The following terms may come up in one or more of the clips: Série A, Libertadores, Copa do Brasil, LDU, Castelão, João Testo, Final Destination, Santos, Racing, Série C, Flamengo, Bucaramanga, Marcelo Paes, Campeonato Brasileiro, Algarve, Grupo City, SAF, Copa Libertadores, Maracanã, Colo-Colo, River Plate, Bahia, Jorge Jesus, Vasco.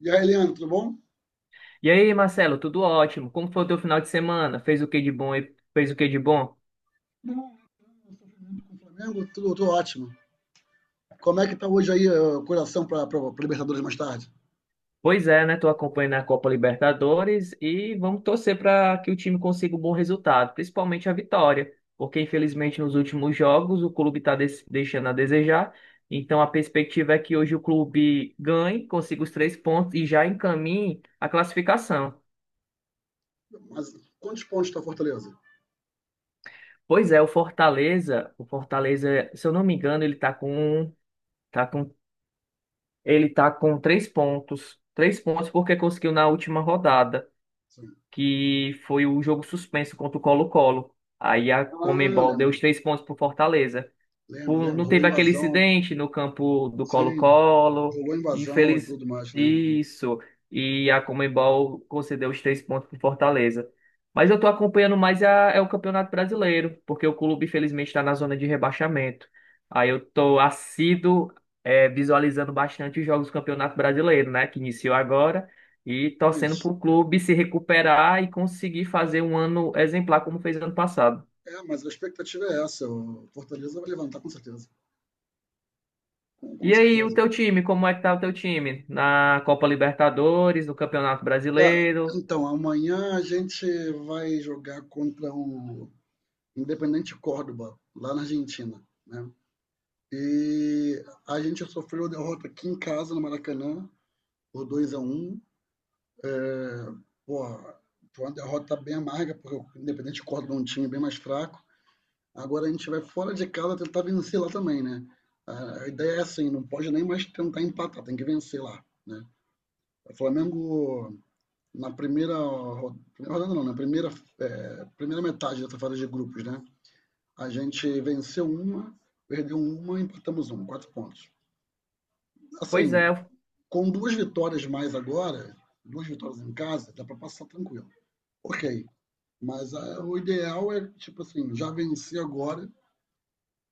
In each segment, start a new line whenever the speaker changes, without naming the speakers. E aí, Leandro, tudo bom?
E aí, Marcelo, tudo ótimo? Como foi o teu final de semana? Fez o que de bom e fez o que de bom?
Bom, com o Flamengo, tudo ótimo. Como é que tá hoje aí o coração para Libertadores mais tarde?
Pois é, né? Tô acompanhando a Copa Libertadores e vamos torcer para que o time consiga um bom resultado, principalmente a vitória, porque infelizmente nos últimos jogos o clube está deixando a desejar. Então a perspectiva é que hoje o clube ganhe, consiga os três pontos e já encaminhe a classificação.
Mas quantos pontos está Fortaleza?
Pois é, o Fortaleza, se eu não me engano, ele está com, tá com Ele tá com três pontos. Três pontos porque conseguiu na última rodada,
Sim.
que foi o jogo suspenso contra o Colo-Colo. Aí a
Ah,
Conmebol deu
lembro,
os três pontos pro Fortaleza.
lembro, lembro.
Não
Rolou
teve aquele
invasão,
incidente no campo do
sim.
Colo-Colo.
Rolou invasão e
Infeliz...
tudo mais, lembro. Lembro.
Isso. E a Conmebol concedeu os três pontos para Fortaleza. Mas eu estou acompanhando mais a, é o Campeonato Brasileiro, porque o clube, infelizmente, está na zona de rebaixamento. Aí eu estou assíduo, visualizando bastante os jogos do Campeonato Brasileiro, né? Que iniciou agora. E torcendo para
Mas,
o clube se recuperar e conseguir fazer um ano exemplar como fez ano passado.
mas a expectativa é essa. O Fortaleza vai levantar com certeza. Com,
E
com
aí, o
certeza.
teu time, como é que tá o teu time? Na Copa Libertadores, no Campeonato
Cara,
Brasileiro?
então, amanhã a gente vai jogar contra o Independente Córdoba, lá na Argentina, né? E a gente sofreu a derrota aqui em casa, no Maracanã, por 2-1. é, Porra, foi uma derrota bem amarga, porque o Independente Córdoba é um time bem mais fraco. Agora a gente vai fora de casa tentar vencer lá também, né? A ideia é assim, não pode nem mais tentar empatar, tem que vencer lá, né? O Flamengo na primeira rodada não, na primeira é, primeira metade dessa fase de grupos, né? A gente venceu uma, perdeu uma, e empatamos um, quatro pontos.
Pois é,
Assim, com duas vitórias mais agora, duas vitórias em casa, dá para passar tranquilo. Ok. Mas o ideal é, tipo assim, já vencer agora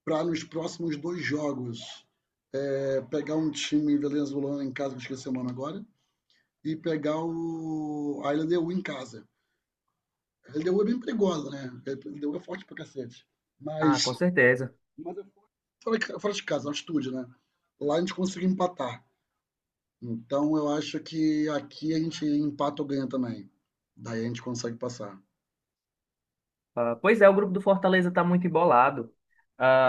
para nos próximos dois jogos pegar um time venezuelano em casa, que eu esqueci o nome agora, e pegar a LDU em casa. A LDU é bem perigosa, né? A LDU é forte pra cacete.
ah,
Mas,
com certeza.
mas é fora de casa, altitude, né? Lá a gente conseguiu empatar. Então eu acho que aqui a gente empata ou ganha também. Daí a gente consegue passar.
Ah, pois é, o grupo do Fortaleza está muito embolado.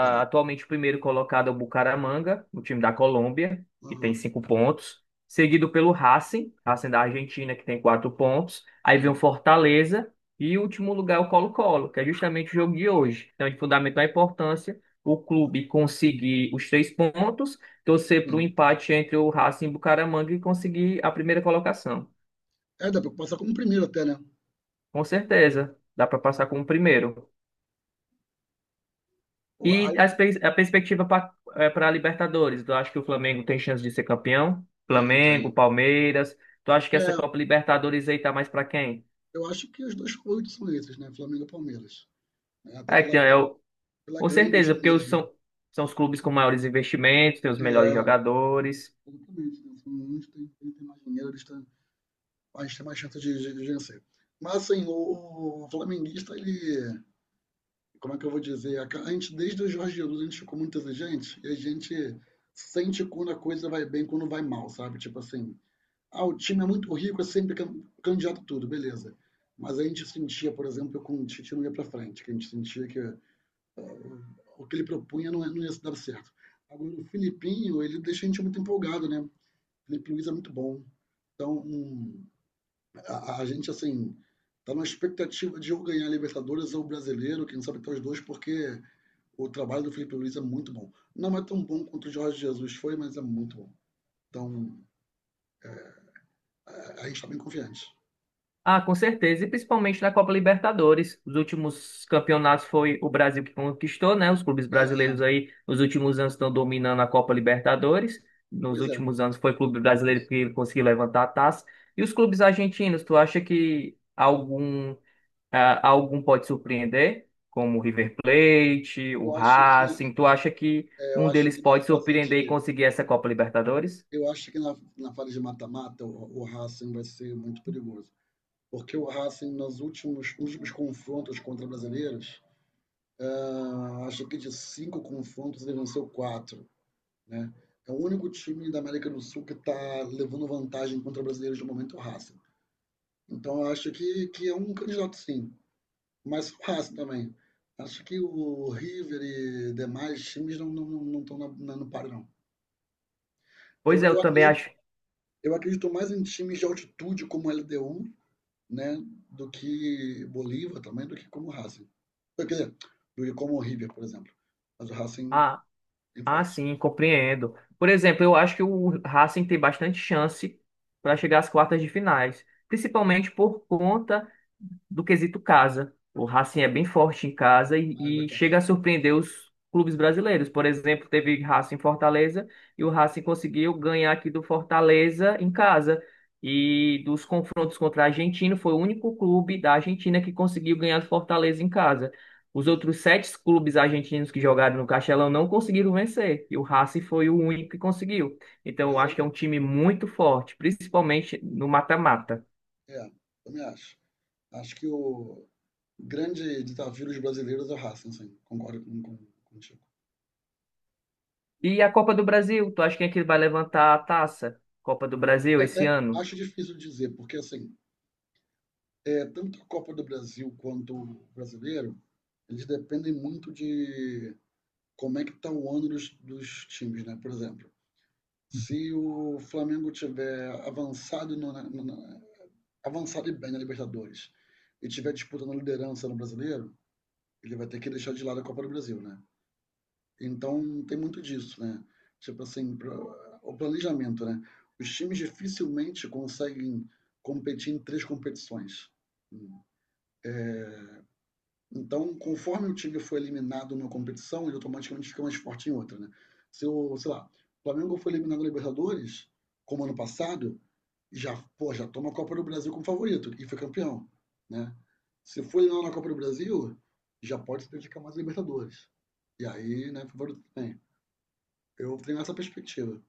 Tá.
atualmente o primeiro colocado é o Bucaramanga, o time da Colômbia, que tem
Aham.
cinco pontos, seguido pelo Racing, Racing da Argentina, que tem quatro pontos. Aí vem o
Sim,
Fortaleza e o último lugar é o Colo-Colo, que é justamente o jogo de hoje. Então, de fundamental importância o clube conseguir os três pontos, torcer para o
sim.
empate entre o Racing e o Bucaramanga e conseguir a primeira colocação.
É, dá pra passar como primeiro até, né?
Com certeza, dá para passar como primeiro.
Pô,
E
aí
a perspectiva para a Libertadores? Tu acha que o Flamengo tem chance de ser campeão?
tem,
Flamengo,
tem.
Palmeiras. Tu acha que essa
É,
Copa Libertadores aí tá mais para quem?
eu acho que os dois favoritos são esses, né? Flamengo e Palmeiras. É, até
É que
pela,
tem, é,
gra-
o-
pela
Com
grana
certeza,
investida
porque
neles,
os
né?
são, são os clubes com maiores investimentos, tem os
É,
melhores jogadores.
exatamente. Né? São uns tem mais dinheiro, eles têm, a gente tem mais chance de vencer. Mas assim, o flamenguista, ele. Como é que eu vou dizer? A gente, desde o Jorge Jesus, a gente ficou muito exigente e a gente sente quando a coisa vai bem, quando vai mal, sabe? Tipo assim, o time é muito rico, é sempre candidato a tudo, beleza. Mas a gente sentia, por exemplo, que o Tite não ia para frente, que a gente sentia que o que ele propunha não, não ia dar certo. Agora, o Filipinho, ele deixa a gente muito empolgado, né? O Felipe Luiz é muito bom. Então, a gente, assim, tá numa expectativa de ou ganhar a Libertadores ou o Brasileiro, quem sabe até os dois, porque o trabalho do Felipe Luiz é muito bom. Não é tão bom quanto o Jorge Jesus foi, mas é muito bom. Então, a gente está bem confiante.
Ah, com certeza, e principalmente na Copa Libertadores. Os últimos campeonatos foi o Brasil que conquistou, né? Os clubes
É,
brasileiros aí, nos últimos anos estão dominando a Copa Libertadores. Nos
pois é.
últimos anos foi o clube brasileiro que conseguiu levantar a taça. E os clubes argentinos, tu acha que algum pode surpreender? Como o River Plate, o
Eu acho que
Racing, tu acha que
é, eu
um
acho
deles
que na
pode
fase
surpreender e
de
conseguir essa Copa Libertadores?
eu acho que na fase de mata-mata o Racing vai ser muito perigoso, porque o Racing nos últimos confrontos contra brasileiros, ah, acho que de cinco confrontos ele venceu quatro, né? É o único time da América do Sul que está levando vantagem contra brasileiros de momento o Racing. Então, eu acho que, é um candidato, sim, mas fácil também. Acho que o River e demais times não estão na na no páreo, não.
Pois
Eu
é,
eu
eu também
acredito
acho.
eu acredito mais em times de altitude como LDU, né, do que Bolívar também, do que como o Racing. Quer dizer, do que como o River, por exemplo. Mas o Racing
ah,
tem
Ah,
forte.
sim, compreendo. Por exemplo, eu acho que o Racing tem bastante chance para chegar às quartas de finais, principalmente por conta do quesito casa. O Racing é bem forte em casa
Ah, é
e
verdade.
chega a surpreender os clubes brasileiros. Por exemplo, teve Racing e Fortaleza e o Racing conseguiu ganhar aqui do Fortaleza em casa. E dos confrontos contra a Argentina, foi o único clube da Argentina que conseguiu ganhar do Fortaleza em casa. Os
Pois é.
outros sete clubes argentinos que jogaram no Castelão não conseguiram vencer, e o Racing foi o único que conseguiu. Então, eu
Pois é.
acho que é um time muito forte, principalmente no mata-mata.
É, também acho. Acho que o grande desafio dos brasileiros é o Racing, sim, concordo com contigo.
E a Copa do Brasil, tu acha quem é que vai levantar a taça? Copa do Brasil esse ano?
Acho difícil dizer, porque assim, tanto a Copa do Brasil quanto o Brasileiro, eles dependem muito de como é que está o ano dos times, né? Por exemplo, se o Flamengo tiver avançado no, na, na- avançado e bem na Libertadores e tiver disputando a liderança no Brasileiro, ele vai ter que deixar de lado a Copa do Brasil, né? Então, tem muito disso, né. Tipo assim, pra o planejamento, né. Os times dificilmente conseguem competir em 3 competições. Então, conforme o time foi eliminado numa competição, ele automaticamente fica mais forte em outra, né. Se o, sei lá, o Flamengo foi eliminado na Libertadores, como ano passado, já, pô, já toma a Copa do Brasil como favorito e foi campeão, né. Se foi eliminado na Copa do Brasil, já pode se dedicar mais à Libertadores. E aí, né, favorito também. Eu tenho essa perspectiva.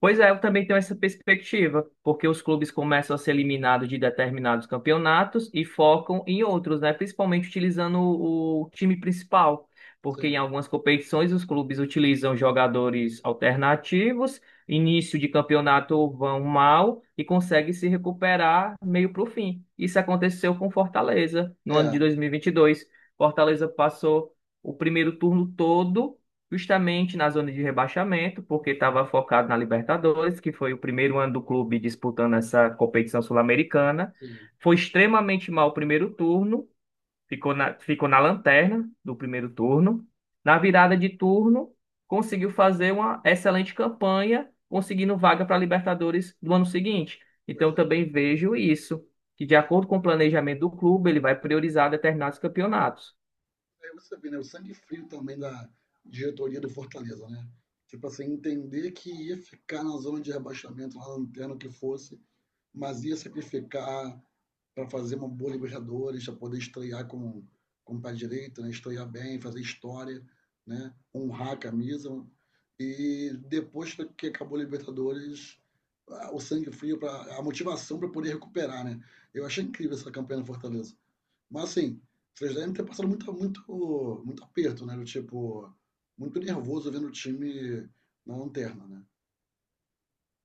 Pois é, eu também tenho essa perspectiva, porque os clubes começam a ser eliminados de determinados campeonatos e focam em outros, né? Principalmente utilizando o time principal, porque em
Sim.
algumas competições os clubes utilizam jogadores alternativos, início de campeonato vão mal e conseguem se recuperar meio para o fim. Isso aconteceu com Fortaleza no ano de
É,
2022. Fortaleza passou o primeiro turno todo justamente na zona de rebaixamento, porque estava focado na Libertadores, que foi o primeiro ano do clube disputando essa competição sul-americana.
sim.
Foi extremamente mal o primeiro turno, ficou na lanterna do primeiro turno. Na virada de turno, conseguiu fazer uma excelente campanha, conseguindo vaga para a Libertadores do ano seguinte. Então,
Pois
eu
é.
também vejo isso, que de acordo com o planejamento do clube, ele vai priorizar determinados campeonatos.
Aí você vê, né, o sangue frio também da diretoria do Fortaleza, né? Tipo assim, entender que ia ficar na zona de rebaixamento, lá no lanterna, o que fosse, mas ia sacrificar para fazer uma boa Libertadores, para poder estrear com o pé direito, né? Estrear bem, fazer história, né? Honrar a camisa. E depois que acabou a Libertadores, o sangue frio, a motivação para poder recuperar. Né? Eu achei incrível essa campanha no Fortaleza. Mas assim, vocês devem ter passado muito, muito, muito aperto, né? Do tipo, muito nervoso vendo o time na lanterna, né?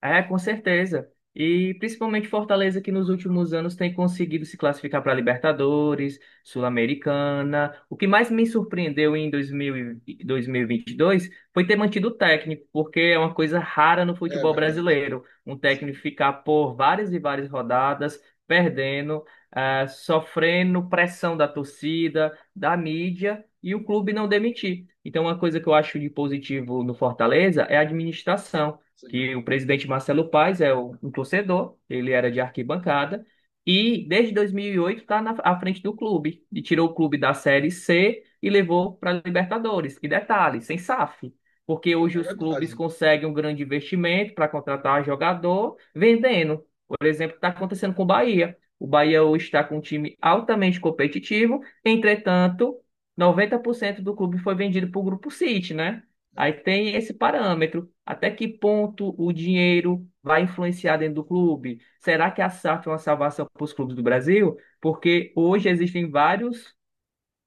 É, com certeza. E principalmente Fortaleza, que nos últimos anos tem conseguido se classificar para Libertadores, Sul-Americana. O que mais me surpreendeu em dois mil e vinte e dois foi ter mantido o técnico, porque é uma coisa rara no
É
futebol
verdade.
brasileiro. Um técnico
Sim,
ficar por várias e várias rodadas perdendo, sofrendo pressão da torcida, da mídia e o clube não demitir. Então, uma coisa que eu acho de positivo no Fortaleza é a administração
sim.
que o presidente Marcelo Paes é um torcedor, ele era de arquibancada, e desde 2008 está à frente do clube, e tirou o clube da Série C e levou para a Libertadores. E detalhe, sem SAF, porque
É
hoje
é
os
verdade.
clubes
É.
conseguem um grande investimento para contratar jogador vendendo. Por exemplo, está acontecendo com o Bahia. O Bahia hoje está com um time altamente competitivo, entretanto, 90% do clube foi vendido para o Grupo City, né? Aí tem esse parâmetro. Até que ponto o dinheiro vai influenciar dentro do clube? Será que a SAF é uma salvação para os clubes do Brasil? Porque hoje existem vários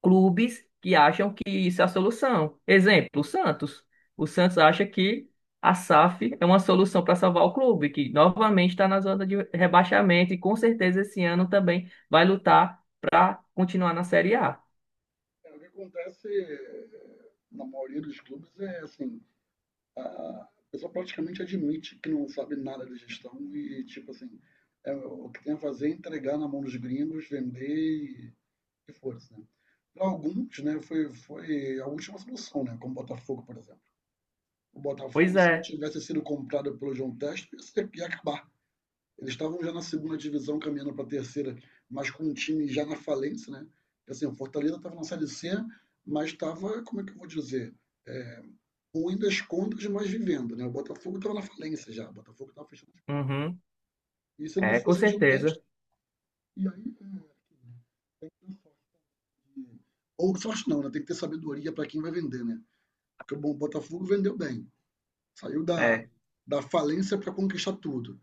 clubes que acham que isso é a solução. Exemplo, o Santos. O Santos acha que a SAF é uma solução para salvar o clube, que novamente está na zona de rebaixamento e com certeza esse ano também vai lutar para continuar na Série A.
É, o que acontece na maioria dos clubes é assim, a pessoa praticamente admite que não sabe nada de gestão e tipo assim, o que tem a fazer é entregar na mão dos gringos, vender e força, né? Para alguns, né, foi a última solução, né, como o Botafogo, por exemplo. O
Pois
Botafogo, se não
é.
tivesse sido comprado pelo João Testo, ia acabar. Eles estavam já na segunda divisão, caminhando para a terceira, mas com um time já na falência, né? Assim, o Fortaleza estava na Série C, mas estava, como é que eu vou dizer? É, Ruim das contas, mas vivendo, né? O Botafogo estava na falência já, o Botafogo estava fechando as portas.
Uhum.
E se não
É, com
fosse adiantado,
certeza.
e aí tem que ter sorte. Ou sorte não, né? Tem que ter sabedoria para quem vai vender, né? Porque bom, o Botafogo vendeu bem, saiu da,
É.
da falência para conquistar tudo.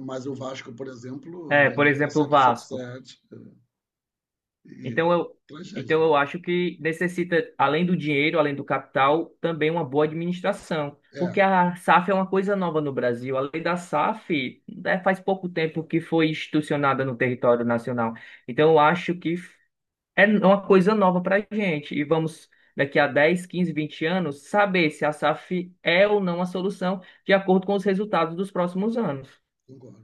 Mas o Vasco, por exemplo,
É, por
vendeu para
exemplo, o
sete, sete,
Vasco.
sete.
Então
E,
eu,
tragédia,
então
né?
eu acho que necessita, além do dinheiro, além do capital, também uma boa administração.
É,
Porque a SAF é uma coisa nova no Brasil. A lei da SAF faz pouco tempo que foi institucionada no território nacional. Então eu acho que é uma coisa nova para a gente. E vamos, daqui a 10, 15, 20 anos, saber se a SAF é ou não a solução, de acordo com os resultados dos próximos anos.
concordo,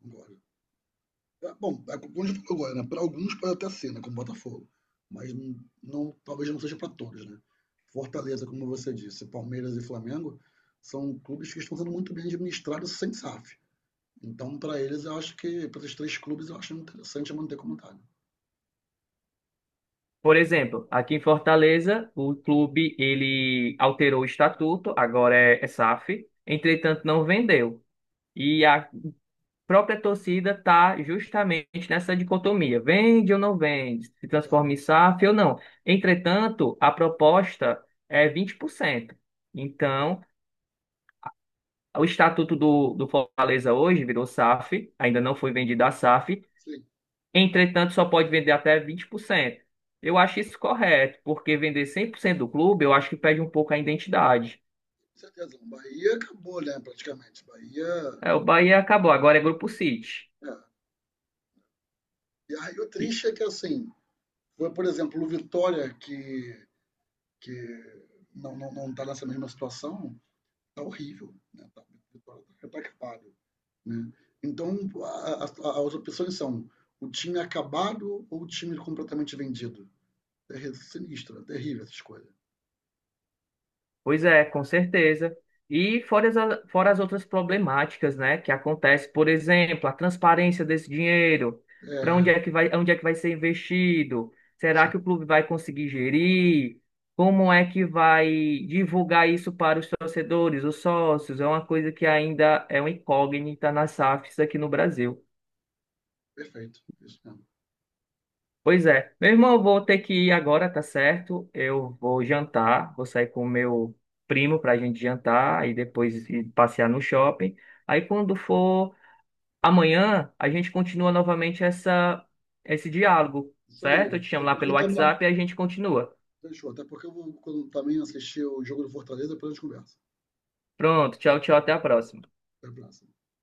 concordo. É, bom, é como a gente falou agora, né? Para alguns pode até ser, né? Como Botafogo. Mas talvez não seja para todos, né? Fortaleza, como você disse, Palmeiras e Flamengo são clubes que estão sendo muito bem administrados sem SAF. Então, para eles, eu acho que, para esses três clubes, eu acho interessante manter como tá, né?
Por exemplo, aqui em Fortaleza, o clube ele alterou o estatuto, agora é SAF, entretanto não vendeu. E a própria torcida está justamente nessa dicotomia, vende ou não vende, se
É,
transforma em SAF ou não. Entretanto, a proposta é 20%. Então, o estatuto do Fortaleza hoje virou SAF, ainda não foi vendido a SAF.
sim,
Entretanto, só pode vender até 20%. Eu acho isso correto, porque vender 100% do clube, eu acho que perde um pouco a identidade.
com certeza. Bahia acabou, né? Praticamente. Bahia.
É, o Bahia acabou, agora é Grupo City.
É. E aí o triste é que, assim, foi, por exemplo, o Vitória que não está nessa mesma situação, está horrível. Né? Tá, Vitória está retardado. Né? Então, as opções são o time acabado ou o time completamente vendido. É sinistro, é terrível essa escolha.
Pois é, com certeza. E fora as outras problemáticas, né, que acontece, por exemplo, a transparência desse dinheiro, para onde
É,
é que vai, onde é que vai ser investido? Será que o
sim,
clube vai conseguir gerir? Como é que vai divulgar isso para os torcedores, os sócios? É uma coisa que ainda é uma incógnita nas SAFs aqui no Brasil.
perfeito. Isso mesmo.
Pois é. Meu irmão, eu vou ter que ir agora, tá certo? Eu vou jantar, vou sair com o meu primo pra gente jantar e depois ir passear no shopping. Aí quando for amanhã, a gente continua novamente essa esse diálogo,
Isso aí.
certo? Eu te chamo
Até
lá
porque
pelo
eu também.
WhatsApp e a gente continua.
Fechou. Até porque eu vou, quando também assistir o jogo do Fortaleza, depois a gente conversa.
Pronto, tchau, tchau, até a próxima.
Até a próxima.